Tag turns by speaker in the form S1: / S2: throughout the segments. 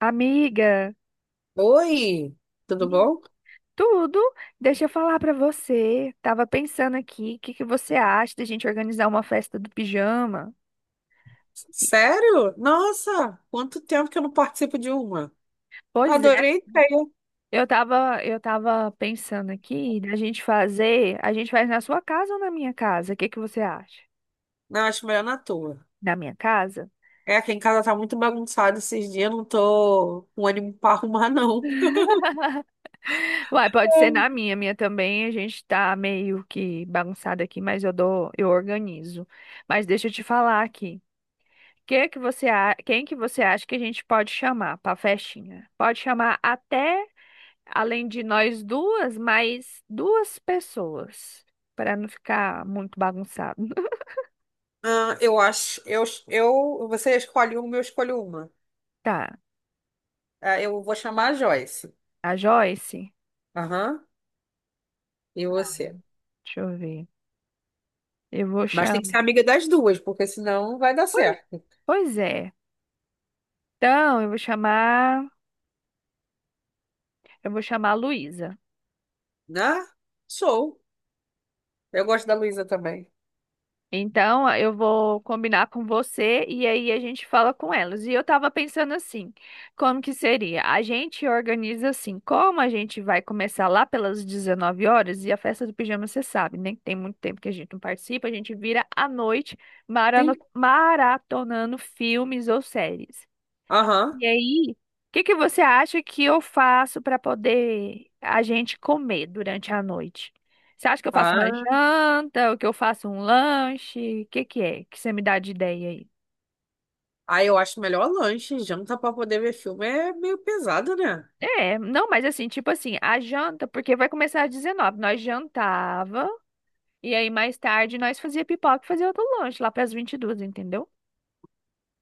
S1: Amiga,
S2: Oi, tudo bom?
S1: tudo. Deixa eu falar pra você. Tava pensando aqui, o que que você acha da gente organizar uma festa do pijama?
S2: Sério? Nossa, quanto tempo que eu não participo de uma.
S1: Pois é,
S2: Adorei a ideia.
S1: eu tava pensando aqui da gente fazer, a gente faz na sua casa ou na minha casa? O que que você acha?
S2: Não, acho melhor na tua.
S1: Na minha casa?
S2: É, aqui em casa tá muito bagunçado esses dias, não tô com ânimo pra arrumar, não.
S1: Uai, pode ser na minha também. A gente tá meio que bagunçado aqui, mas eu dou, eu organizo. Mas deixa eu te falar aqui. Que você, quem que você acha que a gente pode chamar para festinha? Pode chamar até, além de nós duas, mais duas pessoas, para não ficar muito bagunçado.
S2: Ah, eu acho, você escolhe uma, eu escolho uma.
S1: Tá,
S2: Ah, eu vou chamar a Joyce.
S1: a Joyce,
S2: Aham, e você?
S1: deixa eu ver. Eu vou
S2: Mas tem que ser
S1: chamar.
S2: amiga das duas, porque senão não vai dar
S1: Pois
S2: certo.
S1: pois é. Então, eu vou chamar a Luísa.
S2: Né? Sou. Eu gosto da Luísa também.
S1: Então, eu vou combinar com você e aí a gente fala com elas. E eu tava pensando assim, como que seria? A gente organiza assim, como a gente vai começar lá pelas 19 horas e a festa do pijama, você sabe, né? Que tem muito tempo que a gente não participa, a gente vira à noite
S2: Sim.
S1: maratonando filmes ou séries.
S2: Aham.
S1: E aí, o que que você acha que eu faço para poder a gente comer durante a noite? Você acha que eu faço uma
S2: Ah.
S1: janta, ou que eu faço um lanche? O que que é? Que você me dá de ideia aí?
S2: Ah, eu acho melhor lanche. Janta pra poder ver filme é meio pesado, né?
S1: É, não, mas assim, tipo assim, a janta, porque vai começar às 19, nós jantava e aí mais tarde nós fazia pipoca e fazia outro lanche lá para as 22, entendeu?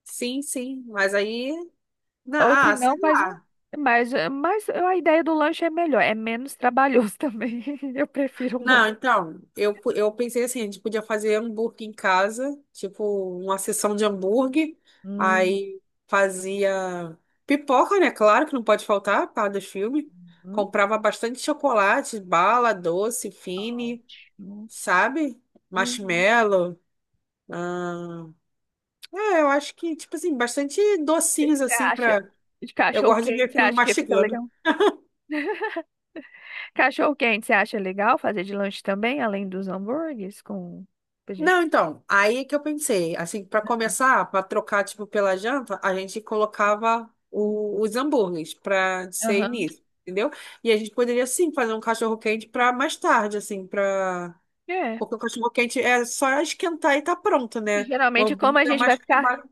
S2: Sim, sim. Mas aí.
S1: Ou
S2: na-
S1: se
S2: ah,
S1: não,
S2: sei
S1: faz um
S2: lá.
S1: mas a ideia do lanche é melhor, é menos trabalhoso também. Eu prefiro o lanche.
S2: Não, então, eu pensei assim: a gente podia fazer hambúrguer em casa, tipo, uma sessão de hambúrguer.
S1: Hum.
S2: Aí fazia pipoca, né? Claro que não pode faltar por causa dos filmes. Comprava bastante chocolate, bala, doce, fine,
S1: Ótimo.
S2: sabe?
S1: Uhum.
S2: Marshmallow. Ah, é, eu acho que, tipo assim, bastante
S1: O que que
S2: docinhos
S1: você
S2: assim
S1: acha
S2: pra.
S1: de
S2: Eu
S1: cachorro
S2: gosto de
S1: quente?
S2: ver
S1: Você
S2: filme
S1: acha que fica
S2: mastigando.
S1: legal? Cachorro quente, você acha legal fazer de lanche também, além dos hambúrgueres com pra gente?
S2: Não, então, aí que eu pensei, assim, para começar, para trocar, tipo, pela janta, a gente colocava
S1: Hum.
S2: os hambúrgueres para ser
S1: Aham.
S2: início, entendeu? E a gente poderia, sim, fazer um cachorro-quente para mais tarde, assim, para...
S1: É.
S2: Porque o cachorro-quente é só esquentar e tá pronto,
S1: E
S2: né? O
S1: geralmente como a
S2: hambúrguer é
S1: gente vai
S2: mais
S1: ficar,
S2: trabalho.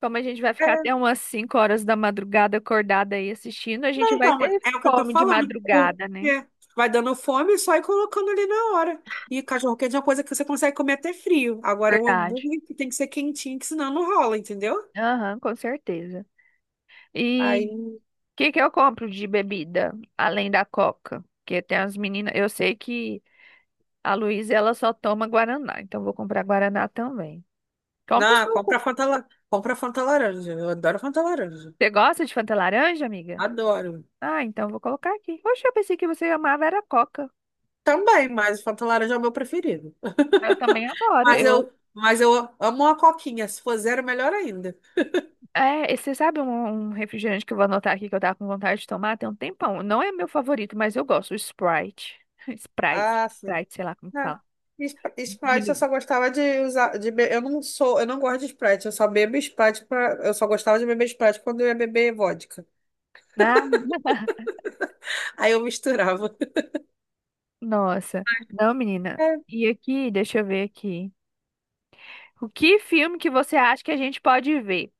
S1: como a gente vai ficar até umas 5 horas da madrugada acordada aí assistindo, a gente
S2: Não,
S1: vai
S2: então,
S1: ter
S2: é o que eu tô
S1: fome de
S2: falando.
S1: madrugada, né?
S2: Porque vai dando fome e só ir colocando ali na hora. E cachorro quente é uma coisa que você consegue comer até frio. Agora, o
S1: Verdade.
S2: hambúrguer que tem que ser quentinho, que senão não rola, entendeu?
S1: Aham, com certeza. E o
S2: Aí,
S1: que que eu compro de bebida além da Coca? Porque tem as meninas, eu sei que a Luísa, ela só toma Guaraná, então vou comprar Guaraná também. Compre o
S2: não, compra
S1: suco.
S2: Fanta, compra Fanta laranja. Eu adoro Fanta laranja.
S1: Você gosta de Fanta laranja, amiga?
S2: Adoro.
S1: Ah, então vou colocar aqui. Poxa, eu pensei que você amava era Coca.
S2: Também, mas Fanta laranja é o meu preferido.
S1: Eu também adoro.
S2: Mas
S1: Eu,
S2: eu, mas eu amo uma coquinha. Se for zero, melhor ainda.
S1: você sabe um refrigerante que eu vou anotar aqui que eu tava com vontade de tomar tem um tempão. Não é meu favorito, mas eu gosto, o Sprite. Sprite.
S2: Ah, sim.
S1: Sprite, sei lá como
S2: É.
S1: fala. De
S2: Sprite eu
S1: lim-
S2: só gostava de usar, eu não sou, eu não gosto de Sprite, eu só bebo Sprite pra, eu só gostava de beber Sprite quando eu ia beber vodka.
S1: Ah,
S2: Aí eu misturava.
S1: nossa. Não, menina.
S2: É.
S1: E aqui, deixa eu ver aqui. O que filme que você acha que a gente pode ver?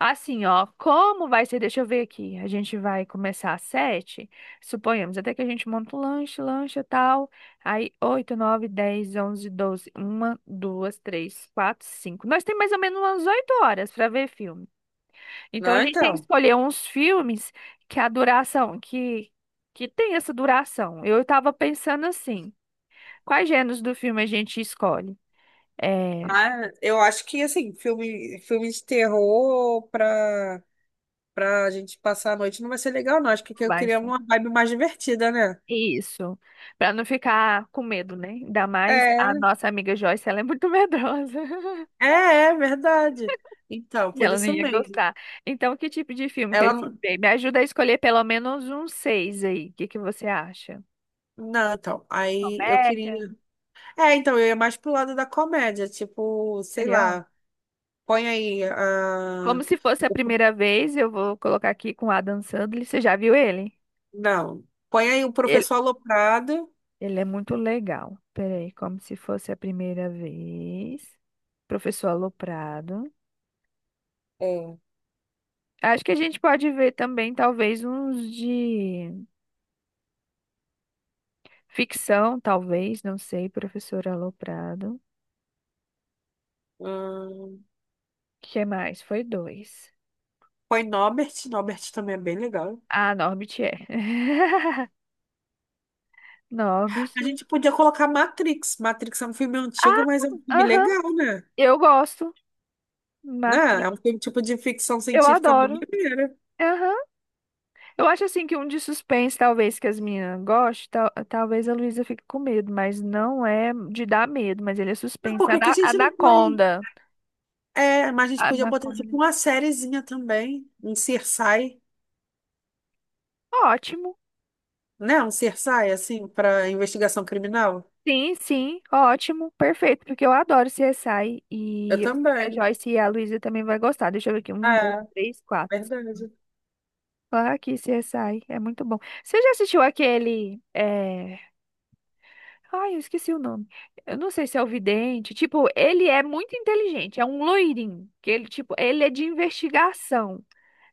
S1: Assim, ó, como vai ser? Deixa eu ver aqui. A gente vai começar às 7, suponhamos, até que a gente monta o lanche, lancha e tal. Aí, oito, nove, 10, 11, 12, uma, duas, três, quatro, cinco. Nós temos mais ou menos umas 8 horas para ver filme. Então, a
S2: Não,
S1: gente tem que
S2: então.
S1: escolher uns filmes que a duração, que tem essa duração. Eu estava pensando assim, quais gêneros do filme a gente escolhe? É,
S2: Ah, eu acho que assim, filme de terror pra, pra gente passar a noite não vai ser legal, não. Acho que eu
S1: vai.
S2: queria uma vibe mais divertida, né?
S1: Isso, para não ficar com medo, né? Ainda mais a
S2: É,
S1: nossa amiga Joyce, ela é muito medrosa
S2: é, é verdade. Então,
S1: e
S2: por
S1: ela não
S2: isso
S1: ia
S2: mesmo.
S1: gostar. Então, que tipo de filme que a
S2: Ela
S1: gente
S2: não.
S1: vê? Me ajuda a escolher pelo menos uns seis aí. O que que você acha?
S2: Não, então. Aí eu
S1: Comédia,
S2: queria. É, então, eu ia mais pro lado da comédia, tipo, sei
S1: serial?
S2: lá, põe aí
S1: Como
S2: a...
S1: se fosse a
S2: o...
S1: primeira vez, eu vou colocar aqui com Adam Sandler. Você já viu ele?
S2: Não, põe aí o Professor
S1: Ele,
S2: Aloprado,
S1: ele é muito legal. Peraí, como se fosse a primeira vez. Professor Aloprado.
S2: é.
S1: Acho que a gente pode ver também, talvez, uns de. Ficção, talvez, não sei, professor Aloprado.
S2: hum,
S1: Que mais? Foi dois.
S2: põe Norbert, Norbert também é bem legal.
S1: Ah, Norbit é. Norbit.
S2: A gente podia colocar Matrix, Matrix é um filme antigo,
S1: Ah,
S2: mas é um filme
S1: aham.
S2: legal, né?
S1: Eu gosto.
S2: Né? É
S1: Matrix.
S2: um filme tipo de ficção
S1: Eu
S2: científica bem
S1: adoro.
S2: maneira.
S1: Aham. Eu acho assim que um de suspense, talvez, que as meninas gostem, talvez a Luísa fique com medo, mas não é de dar medo, mas ele é
S2: Mas
S1: suspense.
S2: por que que a gente não põe?
S1: Anaconda.
S2: É, mas a gente podia botar
S1: Anaconda,
S2: tipo
S1: né?
S2: uma sériezinha também, um CSI,
S1: Ótimo.
S2: né? Um CSI, assim, para investigação criminal.
S1: Sim, sim, ótimo, perfeito, porque eu adoro CSI
S2: Eu
S1: e eu sei que a
S2: também.
S1: Joyce e a Luísa também vai gostar. Deixa eu ver aqui, um, dois,
S2: É,
S1: três, quatro.
S2: verdade.
S1: Ah, aqui, CSI, é muito bom. Você já assistiu aquele, é... Ai, eu esqueci o nome. Eu não sei se é o Vidente, tipo, ele é muito inteligente, é um loirinho, que ele, tipo, ele é de investigação,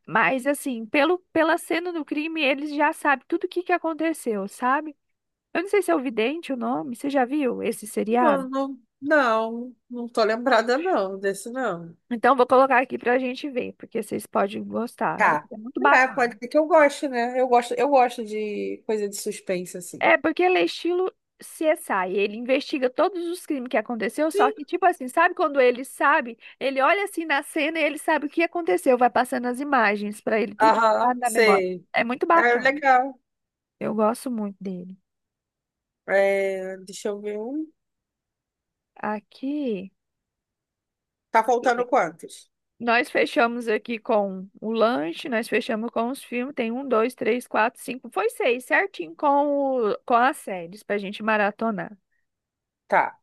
S1: mas assim, pela cena do crime, eles já sabem tudo o que que aconteceu, sabe? Eu não sei se é o Vidente o nome, você já viu esse seriado?
S2: Não, não, não, não tô lembrada não, desse não.
S1: Então, vou colocar aqui pra gente ver, porque vocês podem gostar. Ele
S2: Tá.
S1: é muito
S2: É,
S1: bacana.
S2: pode ser que eu goste, né? Eu gosto de coisa de suspense, assim.
S1: É, porque ele é estilo CSI. Ele investiga todos os crimes que aconteceu, só
S2: Sim.
S1: que, tipo assim, sabe quando ele sabe? Ele olha assim na cena e ele sabe o que aconteceu. Vai passando as imagens pra ele, tudo sabe,
S2: Aham,
S1: na memória.
S2: sei.
S1: É muito
S2: É
S1: bacana.
S2: legal.
S1: Eu gosto muito dele.
S2: É, deixa eu ver um.
S1: Aqui,
S2: Tá
S1: deixa eu ver.
S2: faltando quantos?
S1: Nós fechamos aqui com o lanche, nós fechamos com os filmes. Tem um, dois, três, quatro, cinco. Foi seis, certinho com as séries pra gente maratonar.
S2: Tá.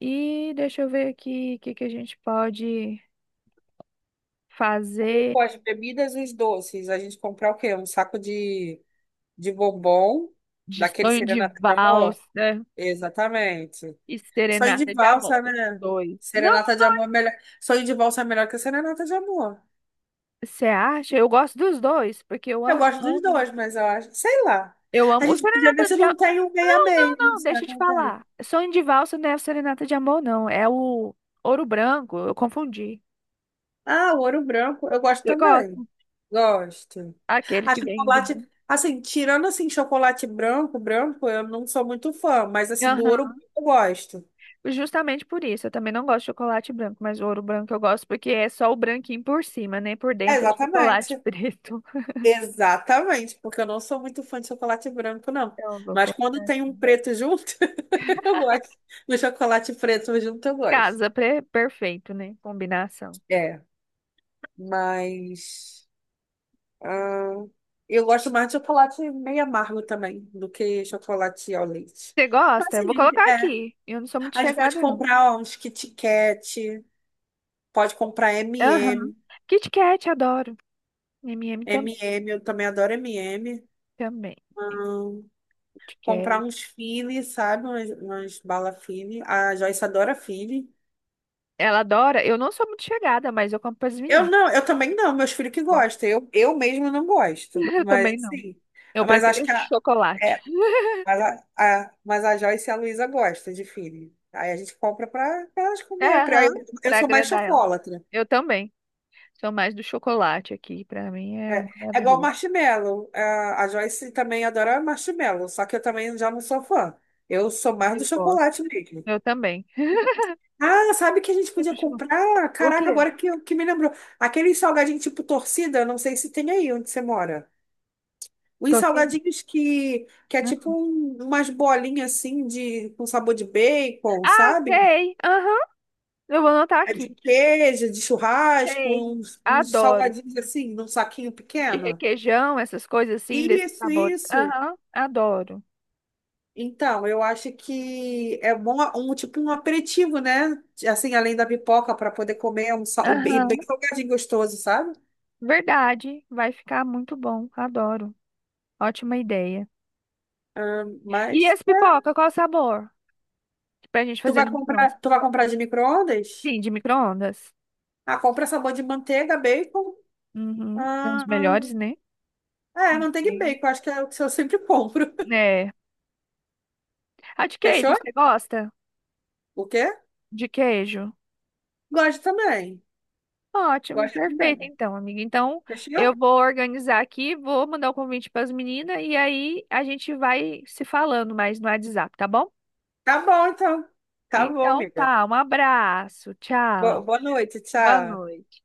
S1: E deixa eu ver aqui o que que a gente pode fazer
S2: Com as bebidas e os doces, a gente comprar o quê? Um saco de bombom,
S1: de
S2: daquele
S1: sonho de
S2: serenata de amor?
S1: valsa
S2: Exatamente.
S1: e
S2: Sonho de
S1: serenata de amor.
S2: valsa,
S1: Os
S2: né?
S1: dois. Não,
S2: Serenata de amor é melhor. Sonho de valsa é melhor que serenata de amor.
S1: você acha? Eu gosto dos dois, porque eu
S2: Eu
S1: amo,
S2: gosto dos
S1: amo.
S2: dois, mas eu acho, sei lá.
S1: Eu
S2: A
S1: amo. O
S2: gente podia ver
S1: serenata
S2: se
S1: de
S2: não
S1: amor.
S2: tem um meia
S1: Não, não,
S2: meio.
S1: não,
S2: Será
S1: deixa eu
S2: que
S1: te
S2: não tem?
S1: falar. Sonho de valsa não é o serenata de amor, não. É o ouro branco. Eu confundi.
S2: Ah, o ouro branco, eu gosto
S1: Você gosta?
S2: também. Gosto.
S1: Aquele
S2: A
S1: que vem do
S2: chocolate,
S1: branco.
S2: assim, tirando assim chocolate branco, branco, eu não sou muito fã, mas assim do ouro branco eu gosto.
S1: Justamente por isso, eu também não gosto de chocolate branco, mas o ouro branco eu gosto porque é só o branquinho por cima, né? Por
S2: É,
S1: dentro é chocolate
S2: exatamente.
S1: preto.
S2: Exatamente, porque eu não sou muito fã de chocolate branco, não.
S1: Então, eu vou
S2: Mas quando
S1: colocar.
S2: tem um preto junto, eu gosto. No chocolate preto junto, eu gosto.
S1: Perfeito, né? Combinação.
S2: É, mas. ah, eu gosto mais de chocolate meio amargo também do que chocolate ao leite.
S1: Você
S2: Mas
S1: gosta? Eu
S2: sim,
S1: vou colocar
S2: é,
S1: aqui. Eu não sou muito
S2: a gente pode
S1: chegada, não.
S2: comprar ó, uns Kit Kat, pode comprar
S1: Aham.
S2: MM.
S1: Kit Kat, adoro. M&M também.
S2: MM, eu também adoro MM.
S1: Também. Kit Kat.
S2: Comprar uns Fili, sabe? Umas bala Fili. A Joyce adora Fili.
S1: Ela adora. Eu não sou muito chegada, mas eu compro para as
S2: Eu
S1: meninas.
S2: não, eu também não, meus filhos que
S1: Gosto.
S2: gostam. Eu mesmo não gosto,
S1: Eu
S2: mas
S1: também não.
S2: assim.
S1: Eu
S2: Mas acho
S1: prefiro
S2: que a,
S1: chocolate.
S2: é, mas a Joyce e a Luísa gostam de Fili. Aí a gente compra para elas
S1: É,
S2: comer.
S1: aham,
S2: Eu
S1: para
S2: sou mais
S1: agradar elas.
S2: chocolatra.
S1: Eu também. Sou mais do chocolate aqui. Pra mim é um
S2: É, é igual
S1: maravilhoso.
S2: marshmallow. A Joyce também adora marshmallow, só que eu também já não sou fã. Eu sou mais do
S1: Eu gosto.
S2: chocolate mesmo.
S1: Eu também.
S2: Ah, sabe que a gente podia
S1: Sempre chocolate.
S2: comprar?
S1: O
S2: Caraca,
S1: quê?
S2: agora que, que me lembrou. Aquele salgadinho tipo torcida, não sei se tem aí onde você mora. Os
S1: Tô sem,
S2: salgadinhos que é
S1: né?
S2: tipo umas bolinhas assim de, com sabor de bacon,
S1: Ah,
S2: sabe?
S1: sei. Aham. Eu vou anotar
S2: É de
S1: aqui.
S2: queijo, de churrasco,
S1: Sei.
S2: uns
S1: Adoro.
S2: salgadinhos assim, num saquinho
S1: De
S2: pequeno.
S1: requeijão, essas coisas assim, desses
S2: Isso,
S1: sabores.
S2: isso.
S1: Aham. Adoro.
S2: Então, eu acho que é bom um tipo um aperitivo, né? Assim, além da pipoca, para poder comer bem
S1: Aham.
S2: bem salgadinho gostoso, sabe?
S1: Verdade. Vai ficar muito bom. Adoro. Ótima ideia. E
S2: Mas
S1: as
S2: é,
S1: pipoca, qual o sabor? Pra gente
S2: tu
S1: fazer
S2: vai
S1: no
S2: comprar,
S1: micro-ondas.
S2: tu vai comprar de micro-ondas?
S1: Sim, de micro-ondas.
S2: Ah, compra sabor de manteiga, bacon.
S1: Uhum. São os
S2: Ah,
S1: melhores, né?
S2: é, manteiga e
S1: Sim.
S2: bacon, acho que é o que eu sempre compro.
S1: É. Ah, de queijo,
S2: Fechou?
S1: você gosta?
S2: O quê?
S1: De queijo?
S2: Gosto também.
S1: Ótimo,
S2: Gosto
S1: perfeito,
S2: também.
S1: então, amiga. Então, eu
S2: Fechou?
S1: vou organizar aqui, vou mandar o convite para as meninas e aí a gente vai se falando mais no WhatsApp, tá bom?
S2: Tá bom, então. Tá bom,
S1: Então,
S2: amiga.
S1: tá, um abraço,
S2: Bo-
S1: tchau,
S2: boa noite,
S1: boa
S2: tchau.
S1: noite.